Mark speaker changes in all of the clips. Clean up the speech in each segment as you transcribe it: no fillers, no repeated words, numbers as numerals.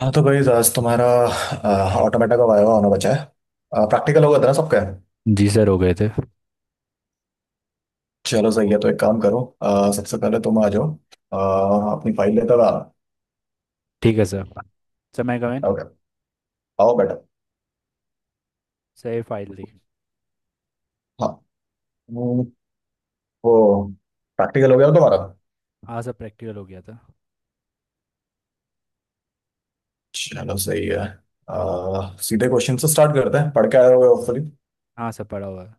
Speaker 1: हाँ, तो भाई आज तुम्हारा ऑटोमेटा का वायवा होना बचा है। प्रैक्टिकल होगा था ना सबका।
Speaker 2: जी सर, हो गए थे।
Speaker 1: चलो सही है, तो एक काम करो, सबसे पहले तुम आ जाओ। अ, अपनी फाइल लेकर आना।
Speaker 2: ठीक है सर। सर, मैं कमेंट।
Speaker 1: ओके। आओ बेटा।
Speaker 2: सर, ये फाइल दी।
Speaker 1: हाँ। हम्म, वो प्रैक्टिकल हो गया ना तुम्हारा।
Speaker 2: हाँ सर, प्रैक्टिकल हो गया था।
Speaker 1: चलो सही है। सीधे क्वेश्चन से स्टार्ट करते हैं, पढ़ के आए होगे होपफुली।
Speaker 2: हाँ सर, पढ़ा हुआ है।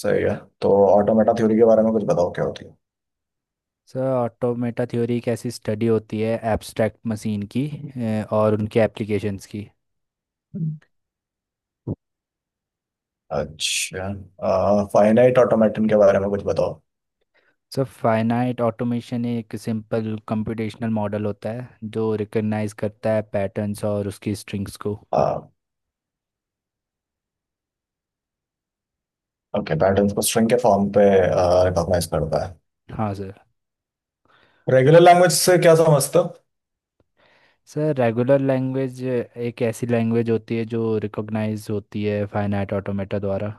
Speaker 1: सही है। तो ऑटोमेटा थ्योरी के बारे में कुछ बताओ, क्या होती है।
Speaker 2: सर, ऑटोमेटा थ्योरी एक ऐसी स्टडी होती है एब्स्ट्रैक्ट मशीन की और उनके एप्लीकेशंस की।
Speaker 1: अच्छा, फाइनाइट ऑटोमेटन के बारे में कुछ बताओ।
Speaker 2: सर, फाइनाइट ऑटोमेशन एक सिंपल कंप्यूटेशनल मॉडल होता है जो रिकग्नाइज करता है पैटर्न्स और उसकी स्ट्रिंग्स को।
Speaker 1: ओके, पैटर्न्स को स्ट्रिंग के फॉर्म पे रिकॉग्नाइज करता है।
Speaker 2: हाँ सर।
Speaker 1: रेगुलर लैंग्वेज से क्या समझते हो।
Speaker 2: सर, रेगुलर लैंग्वेज एक ऐसी लैंग्वेज होती है जो रिकॉग्नाइज होती है फाइनाइट ऑटोमेटा द्वारा।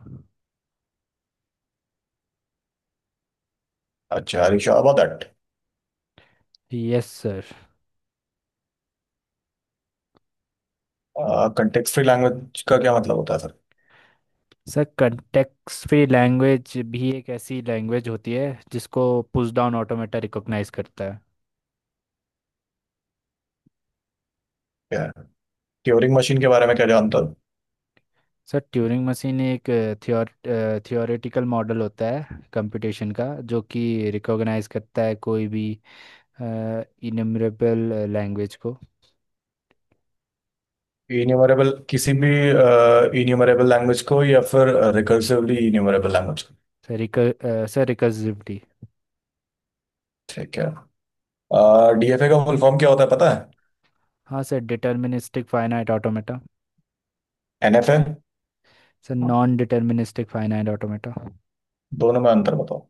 Speaker 1: अच्छा, are you sure about that.
Speaker 2: Yes sir.
Speaker 1: Context free language का क्या मतलब होता है sir.
Speaker 2: Sir, context free language भी एक ऐसी लैंग्वेज होती है जिसको पुश डाउन ऑटोमेटा रिकॉग्नाइज करता है।
Speaker 1: क्या है, ट्यूरिंग मशीन के बारे में क्या जानते हो।
Speaker 2: सर, ट्यूरिंग मशीन एक थियोर थियोरेटिकल मॉडल होता है कंप्यूटेशन का, जो कि रिकॉग्नाइज करता है कोई भी इनमरेबल लैंग्वेज को।
Speaker 1: इन्यूमरेबल किसी भी इन्यूमरेबल लैंग्वेज को, या फिर रिकर्सिवली इन्यूमरेबल लैंग्वेज को।
Speaker 2: सर रिकर सर रिकर्सिविटी।
Speaker 1: ठीक है, डीएफए का फुल फॉर्म क्या होता है पता है।
Speaker 2: हाँ sir, deterministic finite automata.
Speaker 1: NFA,
Speaker 2: sir, non deterministic finite automata.
Speaker 1: दोनों में अंतर बताओ।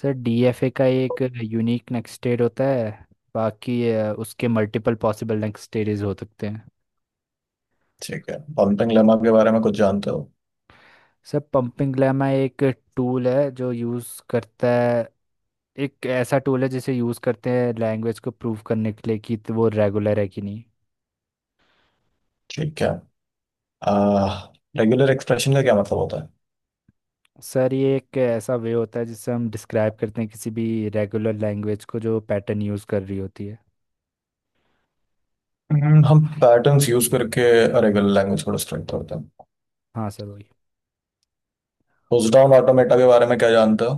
Speaker 2: सर, डीएफए का एक यूनिक नेक्स्ट स्टेट होता है, बाकी उसके मल्टीपल पॉसिबल नेक्स्ट स्टेजेस हो सकते हैं।
Speaker 1: ठीक है, पॉन्टिंग लेमा के बारे में कुछ जानते हो।
Speaker 2: सर, पंपिंग ग्लैमा टूल है जो यूज़ करता है एक ऐसा टूल है जिसे यूज़ करते हैं लैंग्वेज को प्रूव करने के लिए कि तो वो रेगुलर है कि नहीं।
Speaker 1: ठीक है, रेगुलर एक्सप्रेशन का क्या मतलब होता है।
Speaker 2: सर, ये एक ऐसा वे होता है जिससे हम डिस्क्राइब करते हैं किसी भी रेगुलर लैंग्वेज को जो पैटर्न यूज़ कर रही होती है।
Speaker 1: हम पैटर्न्स यूज करके रेगुलर लैंग्वेज को डिस्ट्रैक्ट करते हैं।
Speaker 2: हाँ सर, वही।
Speaker 1: पुश डाउन ऑटोमेटा के बारे में क्या जानते हो।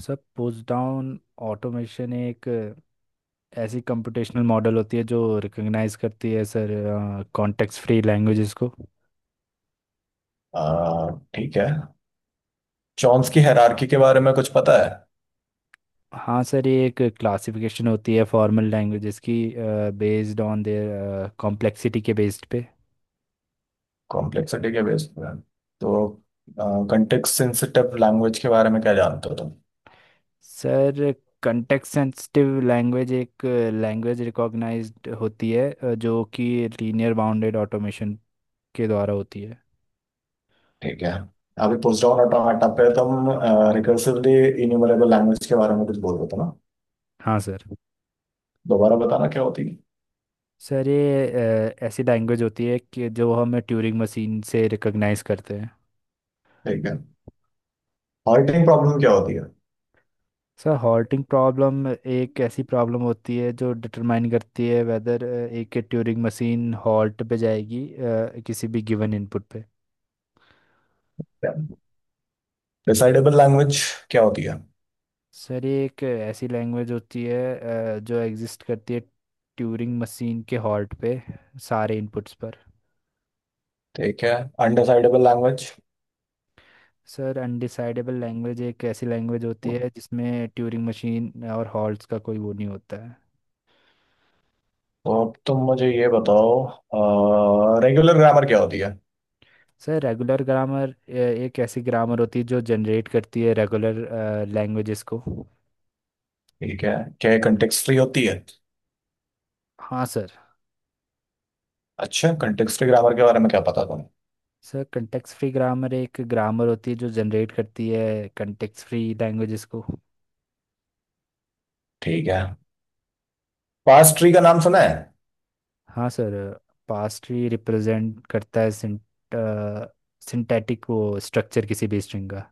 Speaker 2: सर, पुश डाउन ऑटोमेशन एक ऐसी कंप्यूटेशनल मॉडल होती है जो रिकॉग्नाइज करती है सर कॉन्टेक्स्ट फ्री लैंग्वेजेस को।
Speaker 1: आ, ठीक है। चॉम्स्की हायरार्की के बारे में कुछ पता है।
Speaker 2: हाँ सर, ये एक क्लासिफिकेशन होती है फॉर्मल लैंग्वेजेस की, बेस्ड ऑन देयर कॉम्प्लेक्सिटी के बेस्ड पे।
Speaker 1: कॉम्प्लेक्सिटी के बेस पर। तो कंटेक्स्ट सेंसिटिव लैंग्वेज के बारे में क्या जानते हो तुम।
Speaker 2: सर, कंटेक्स्ट सेंसिटिव लैंग्वेज एक लैंग्वेज रिकॉग्नाइज्ड होती है जो कि लीनियर बाउंडेड ऑटोमेशन के द्वारा होती है।
Speaker 1: ठीक है, अभी पुश डाउन ऑटोमेटा पे तुम रिकर्सिवली इन्यूमरेबल लैंग्वेज के बारे में कुछ बोल रहे थे ना।
Speaker 2: हाँ सर।
Speaker 1: दोबारा बताना, क्या होती है।
Speaker 2: सर, ये ऐसी लैंग्वेज होती है कि जो हम ट्यूरिंग मशीन से रिकॉग्नाइज करते हैं।
Speaker 1: ठीक है, हॉल्टिंग प्रॉब्लम क्या होती है।
Speaker 2: सर, हॉल्टिंग प्रॉब्लम एक ऐसी प्रॉब्लम होती है जो डिटरमाइन करती है वेदर एक ट्यूरिंग मशीन हॉल्ट पे जाएगी किसी भी गिवन इनपुट पे।
Speaker 1: डिसाइडेबल लैंग्वेज क्या होती है।
Speaker 2: सर, ये एक ऐसी लैंग्वेज होती है जो एग्जिस्ट करती है ट्यूरिंग मशीन के हॉल्ट पे सारे इनपुट्स पर।
Speaker 1: ठीक है, undecidable language.
Speaker 2: Sir, undecidable language एक ऐसी लैंग्वेज होती
Speaker 1: तो
Speaker 2: है जिसमें ट्यूरिंग मशीन और हॉल्ट्स का कोई वो नहीं होता है।
Speaker 1: अब तुम मुझे ये बताओ, रेगुलर ग्रामर क्या होती है।
Speaker 2: सर, रेगुलर ग्रामर एक ऐसी ग्रामर होती है जो जनरेट करती है रेगुलर लैंग्वेजेस को।
Speaker 1: ठीक है, क्या ये कंटेक्स्ट फ्री होती है।
Speaker 2: हाँ सर।
Speaker 1: अच्छा, कंटेक्स्ट फ्री ग्रामर के बारे में क्या पता तुम्हें।
Speaker 2: सर, कंटेक्स्ट फ्री ग्रामर एक ग्रामर होती है जो जनरेट करती है कंटेक्स्ट फ्री लैंग्वेजेस को।
Speaker 1: ठीक है, पास्ट ट्री का नाम सुना है।
Speaker 2: हाँ सर, पास्ट भी रिप्रेजेंट करता है सिंटैटिक वो स्ट्रक्चर किसी भी स्ट्रिंग का।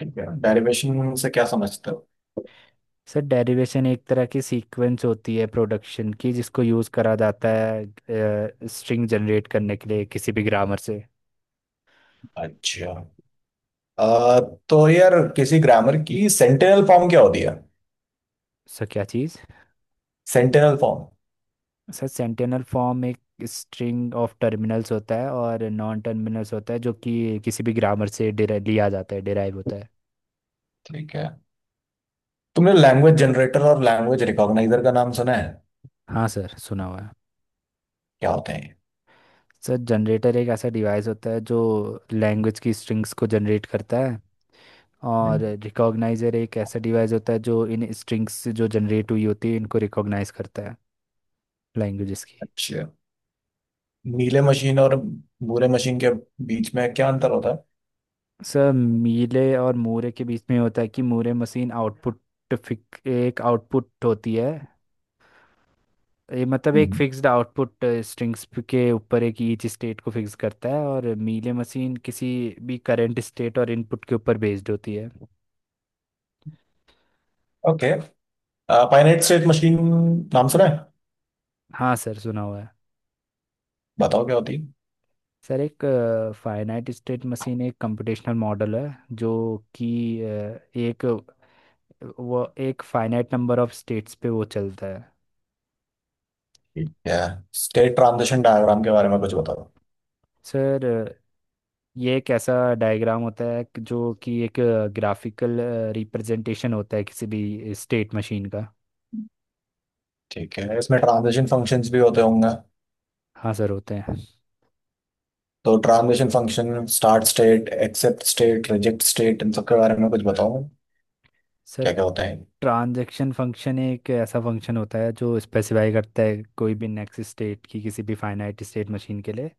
Speaker 1: ठीक है, डेरिवेशन से क्या समझते हो।
Speaker 2: सर, डेरिवेशन एक तरह की सीक्वेंस होती है प्रोडक्शन की, जिसको यूज़ करा जाता है स्ट्रिंग जनरेट करने के लिए किसी भी ग्रामर से।
Speaker 1: अच्छा, अ, तो यार किसी ग्रामर की सेंटेनल फॉर्म क्या होती है।
Speaker 2: सर, क्या चीज़?
Speaker 1: Sentential form.
Speaker 2: Sir, sentential form एक स्ट्रिंग ऑफ टर्मिनल्स होता है और नॉन टर्मिनल्स होता है जो कि किसी भी ग्रामर से लिया जाता है, डिराइव होता है।
Speaker 1: ठीक है, तुमने लैंग्वेज जनरेटर और लैंग्वेज रिकॉग्नाइजर का नाम सुना है।
Speaker 2: हाँ सर, सुना हुआ है।
Speaker 1: क्या होते हैं ये?
Speaker 2: सर, जनरेटर एक ऐसा डिवाइस होता है जो लैंग्वेज की स्ट्रिंग्स को जनरेट करता है, और
Speaker 1: हम्म।
Speaker 2: रिकॉग्नाइजर एक ऐसा डिवाइस होता है जो इन स्ट्रिंग्स जो जनरेट हुई होती है इनको रिकॉग्नाइज करता है लैंग्वेजेस की।
Speaker 1: अच्छा, नीले मशीन और भूरे मशीन के बीच में क्या अंतर होता है।
Speaker 2: सर, मीले और मूरे के बीच में होता है कि मूरे मशीन आउटपुट फिक एक आउटपुट होती है, ये मतलब एक फिक्स्ड आउटपुट स्ट्रिंग्स के ऊपर एक ईच स्टेट को फिक्स करता है, और मीले मशीन किसी भी करंट स्टेट और इनपुट के ऊपर बेस्ड होती है।
Speaker 1: ओके, फाइनाइट स्टेट मशीन नाम सुना है।
Speaker 2: हाँ सर, सुना हुआ है।
Speaker 1: बताओ क्या होती है।
Speaker 2: सर, एक फाइनाइट स्टेट मशीन एक कंप्यूटेशनल मॉडल है जो कि एक वो एक फाइनाइट नंबर ऑफ स्टेट्स पे वो चलता है।
Speaker 1: ठीक है, स्टेट ट्रांजिशन डायग्राम के बारे में कुछ बताओ।
Speaker 2: सर ये एक ऐसा डायग्राम होता है जो कि एक ग्राफिकल रिप्रेजेंटेशन होता है किसी भी स्टेट मशीन का।
Speaker 1: ठीक है, इसमें ट्रांजिशन फंक्शंस भी होते होंगे।
Speaker 2: हाँ सर, होते हैं।
Speaker 1: तो transition function, start state, accept state, reject state, इन सब के बारे में कुछ बताओ।
Speaker 2: सर,
Speaker 1: क्या क्या होता है।
Speaker 2: ट्रांजैक्शन फंक्शन एक ऐसा फंक्शन होता है जो स्पेसिफाई करता है कोई भी नेक्स्ट स्टेट की किसी भी फाइनाइट स्टेट मशीन के लिए।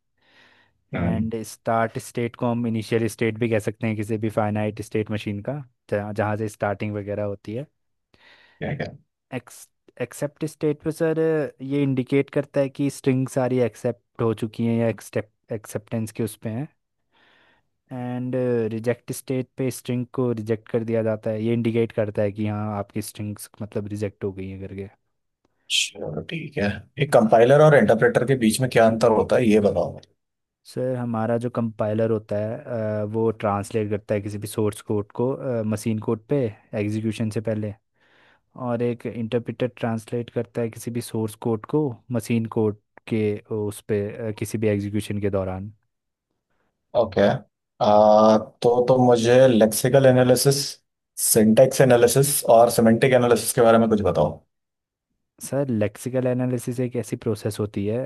Speaker 1: हम्म,
Speaker 2: एंड स्टार्ट स्टेट को हम इनिशियल स्टेट भी कह सकते हैं किसी भी फाइनाइट स्टेट मशीन का, जहाँ जहाँ से स्टार्टिंग वगैरह होती है।
Speaker 1: क्या क्या।
Speaker 2: एक्स एक्सेप्ट स्टेट पे सर ये इंडिकेट करता है कि स्ट्रिंग सारी एक्सेप्ट हो चुकी हैं, या एक्सेप्टेंस के उस पे हैं। एंड रिजेक्ट स्टेट पे स्ट्रिंग को रिजेक्ट कर दिया जाता है, ये इंडिकेट करता है कि हाँ आपकी स्ट्रिंग्स मतलब रिजेक्ट हो गई हैं करके।
Speaker 1: चलो ठीक है, एक कंपाइलर और इंटरप्रेटर के बीच में क्या अंतर होता है ये बताओ।
Speaker 2: सर, हमारा जो कंपाइलर होता है वो ट्रांसलेट करता है किसी भी सोर्स कोड को मशीन कोड पे एग्जीक्यूशन से पहले, और एक इंटरप्रेटर ट्रांसलेट करता है किसी भी सोर्स कोड को मशीन कोड के उस पे किसी भी एग्जीक्यूशन के दौरान।
Speaker 1: ओके आ, तो मुझे लेक्सिकल एनालिसिस, सिंटैक्स एनालिसिस और सिमेंटिक एनालिसिस के बारे में कुछ बताओ।
Speaker 2: सर, लेक्सिकल एनालिसिस एक ऐसी प्रोसेस होती है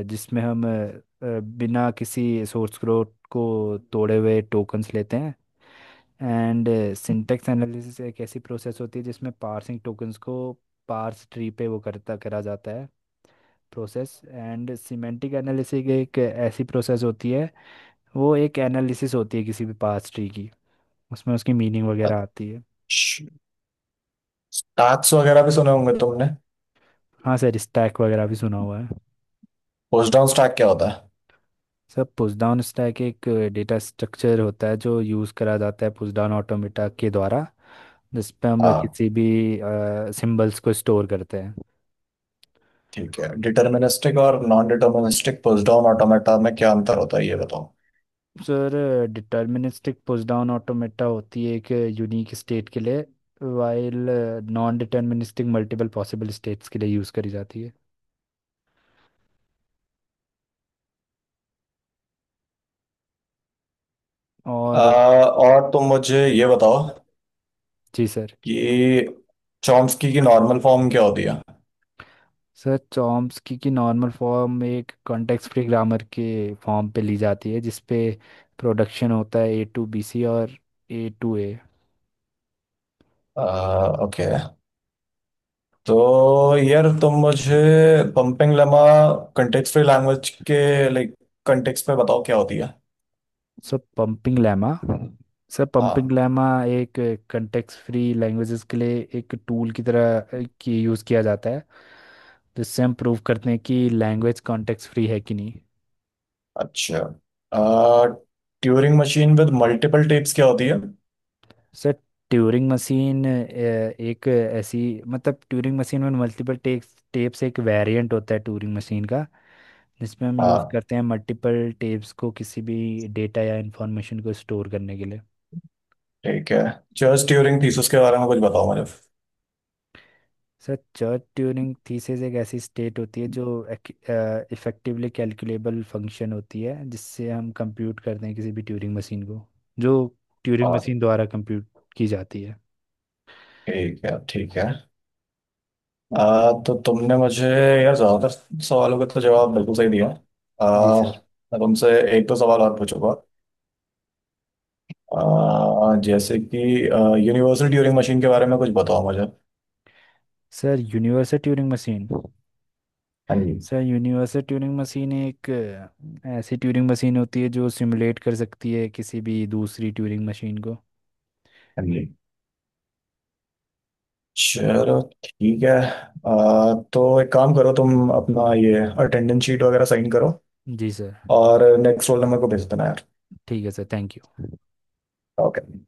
Speaker 2: जिसमें हम बिना किसी सोर्स कोड को तोड़े हुए टोकन्स लेते हैं। एंड सिंटेक्स एनालिसिस एक ऐसी प्रोसेस होती है जिसमें पार्सिंग टोकन्स को पार्स ट्री पे वो करता करा जाता है, प्रोसेस एंड सिमेंटिक एनालिसिस एक ऐसी प्रोसेस होती है, वो एक एनालिसिस होती है किसी भी पास्ट ट्री की, उसमें उसकी मीनिंग वगैरह आती है।
Speaker 1: अच्छा, स्टैक्स वगैरह भी सुने होंगे तुमने।
Speaker 2: हाँ सर, स्टैक वगैरह भी सुना हुआ है।
Speaker 1: पुशडाउन स्टैक क्या होता है।
Speaker 2: सर, पुश डाउन स्टैक एक डेटा स्ट्रक्चर होता है जो यूज़ करा जाता है पुश डाउन ऑटोमेटा के द्वारा, जिस पे हम
Speaker 1: हाँ।
Speaker 2: किसी भी सिंबल्स को स्टोर करते हैं।
Speaker 1: ठीक है, डिटर्मिनिस्टिक और नॉन डिटर्मिनिस्टिक पुशडाउन ऑटोमेटा में क्या अंतर होता है ये बताओ।
Speaker 2: Sir, deterministic push down automata होती है एक यूनिक स्टेट के लिए, while non deterministic multiple possible states के लिए यूज़ करी जाती है और।
Speaker 1: और तुम मुझे ये बताओ
Speaker 2: जी सर।
Speaker 1: कि चॉम्स्की की नॉर्मल फॉर्म क्या होती है।
Speaker 2: सर, चॉम्स्की की नॉर्मल फॉर्म एक कॉन्टेक्स्ट फ्री ग्रामर के फॉर्म पे ली जाती है जिसपे प्रोडक्शन होता है ए टू बी सी और ए टू ए।
Speaker 1: ओके, तो यार तुम मुझे pumping lemma context free language के, लाइक, कंटेक्स्ट पे बताओ क्या होती है।
Speaker 2: सर पंपिंग लैमा सर
Speaker 1: हाँ।
Speaker 2: पंपिंग लैमा एक कॉन्टेक्स्ट फ्री लैंग्वेजेस के लिए एक टूल की तरह की यूज़ किया जाता है जिससे हम प्रूव करते हैं कि लैंग्वेज कॉन्टेक्स्ट फ्री है कि नहीं।
Speaker 1: अच्छा, Turing machine with multiple tapes क्या होती
Speaker 2: सर, ट्यूरिंग मशीन एक ऐसी मतलब ट्यूरिंग मशीन में मल्टीपल टेप्स टेप्स एक वेरिएंट होता है ट्यूरिंग मशीन का, जिसमें हम यूज़
Speaker 1: है।
Speaker 2: करते हैं मल्टीपल टेप्स को किसी भी डेटा या इंफॉर्मेशन को स्टोर करने के लिए।
Speaker 1: ठीक है, जस्ट ड्यूरिंग थीसिस के बारे में कुछ बताओ मुझे।
Speaker 2: सर, चर्ट ट्यूरिंग थीसिस एक ऐसी स्टेट होती है जो इफेक्टिवली कैलकुलेबल फंक्शन होती है जिससे हम कंप्यूट करते हैं किसी भी ट्यूरिंग मशीन को, जो ट्यूरिंग
Speaker 1: और
Speaker 2: मशीन द्वारा कंप्यूट की जाती है।
Speaker 1: ठीक है, ठीक है आ, तो तुमने मुझे यार ज्यादातर सवालों के तो जवाब बिल्कुल सही दिया।
Speaker 2: जी
Speaker 1: आ,
Speaker 2: सर।
Speaker 1: मैं तुमसे एक दो सवाल और पूछूंगा। आ, जैसे कि यूनिवर्सल ट्यूरिंग मशीन के बारे में कुछ बताओ मुझे। हाँ
Speaker 2: सर यूनिवर्सल ट्यूरिंग मशीन
Speaker 1: जी।
Speaker 2: सर यूनिवर्सल ट्यूरिंग मशीन एक ऐसी ट्यूरिंग मशीन होती है जो सिमुलेट कर सकती है किसी भी दूसरी ट्यूरिंग मशीन को।
Speaker 1: हाँ जी, चलो ठीक है। आ, तो एक काम करो, तुम अपना ये अटेंडेंस शीट वगैरह साइन करो।
Speaker 2: जी सर।
Speaker 1: और नेक्स्ट रोल नंबर को भेज देना यार।
Speaker 2: ठीक है सर, थैंक यू।
Speaker 1: ओके।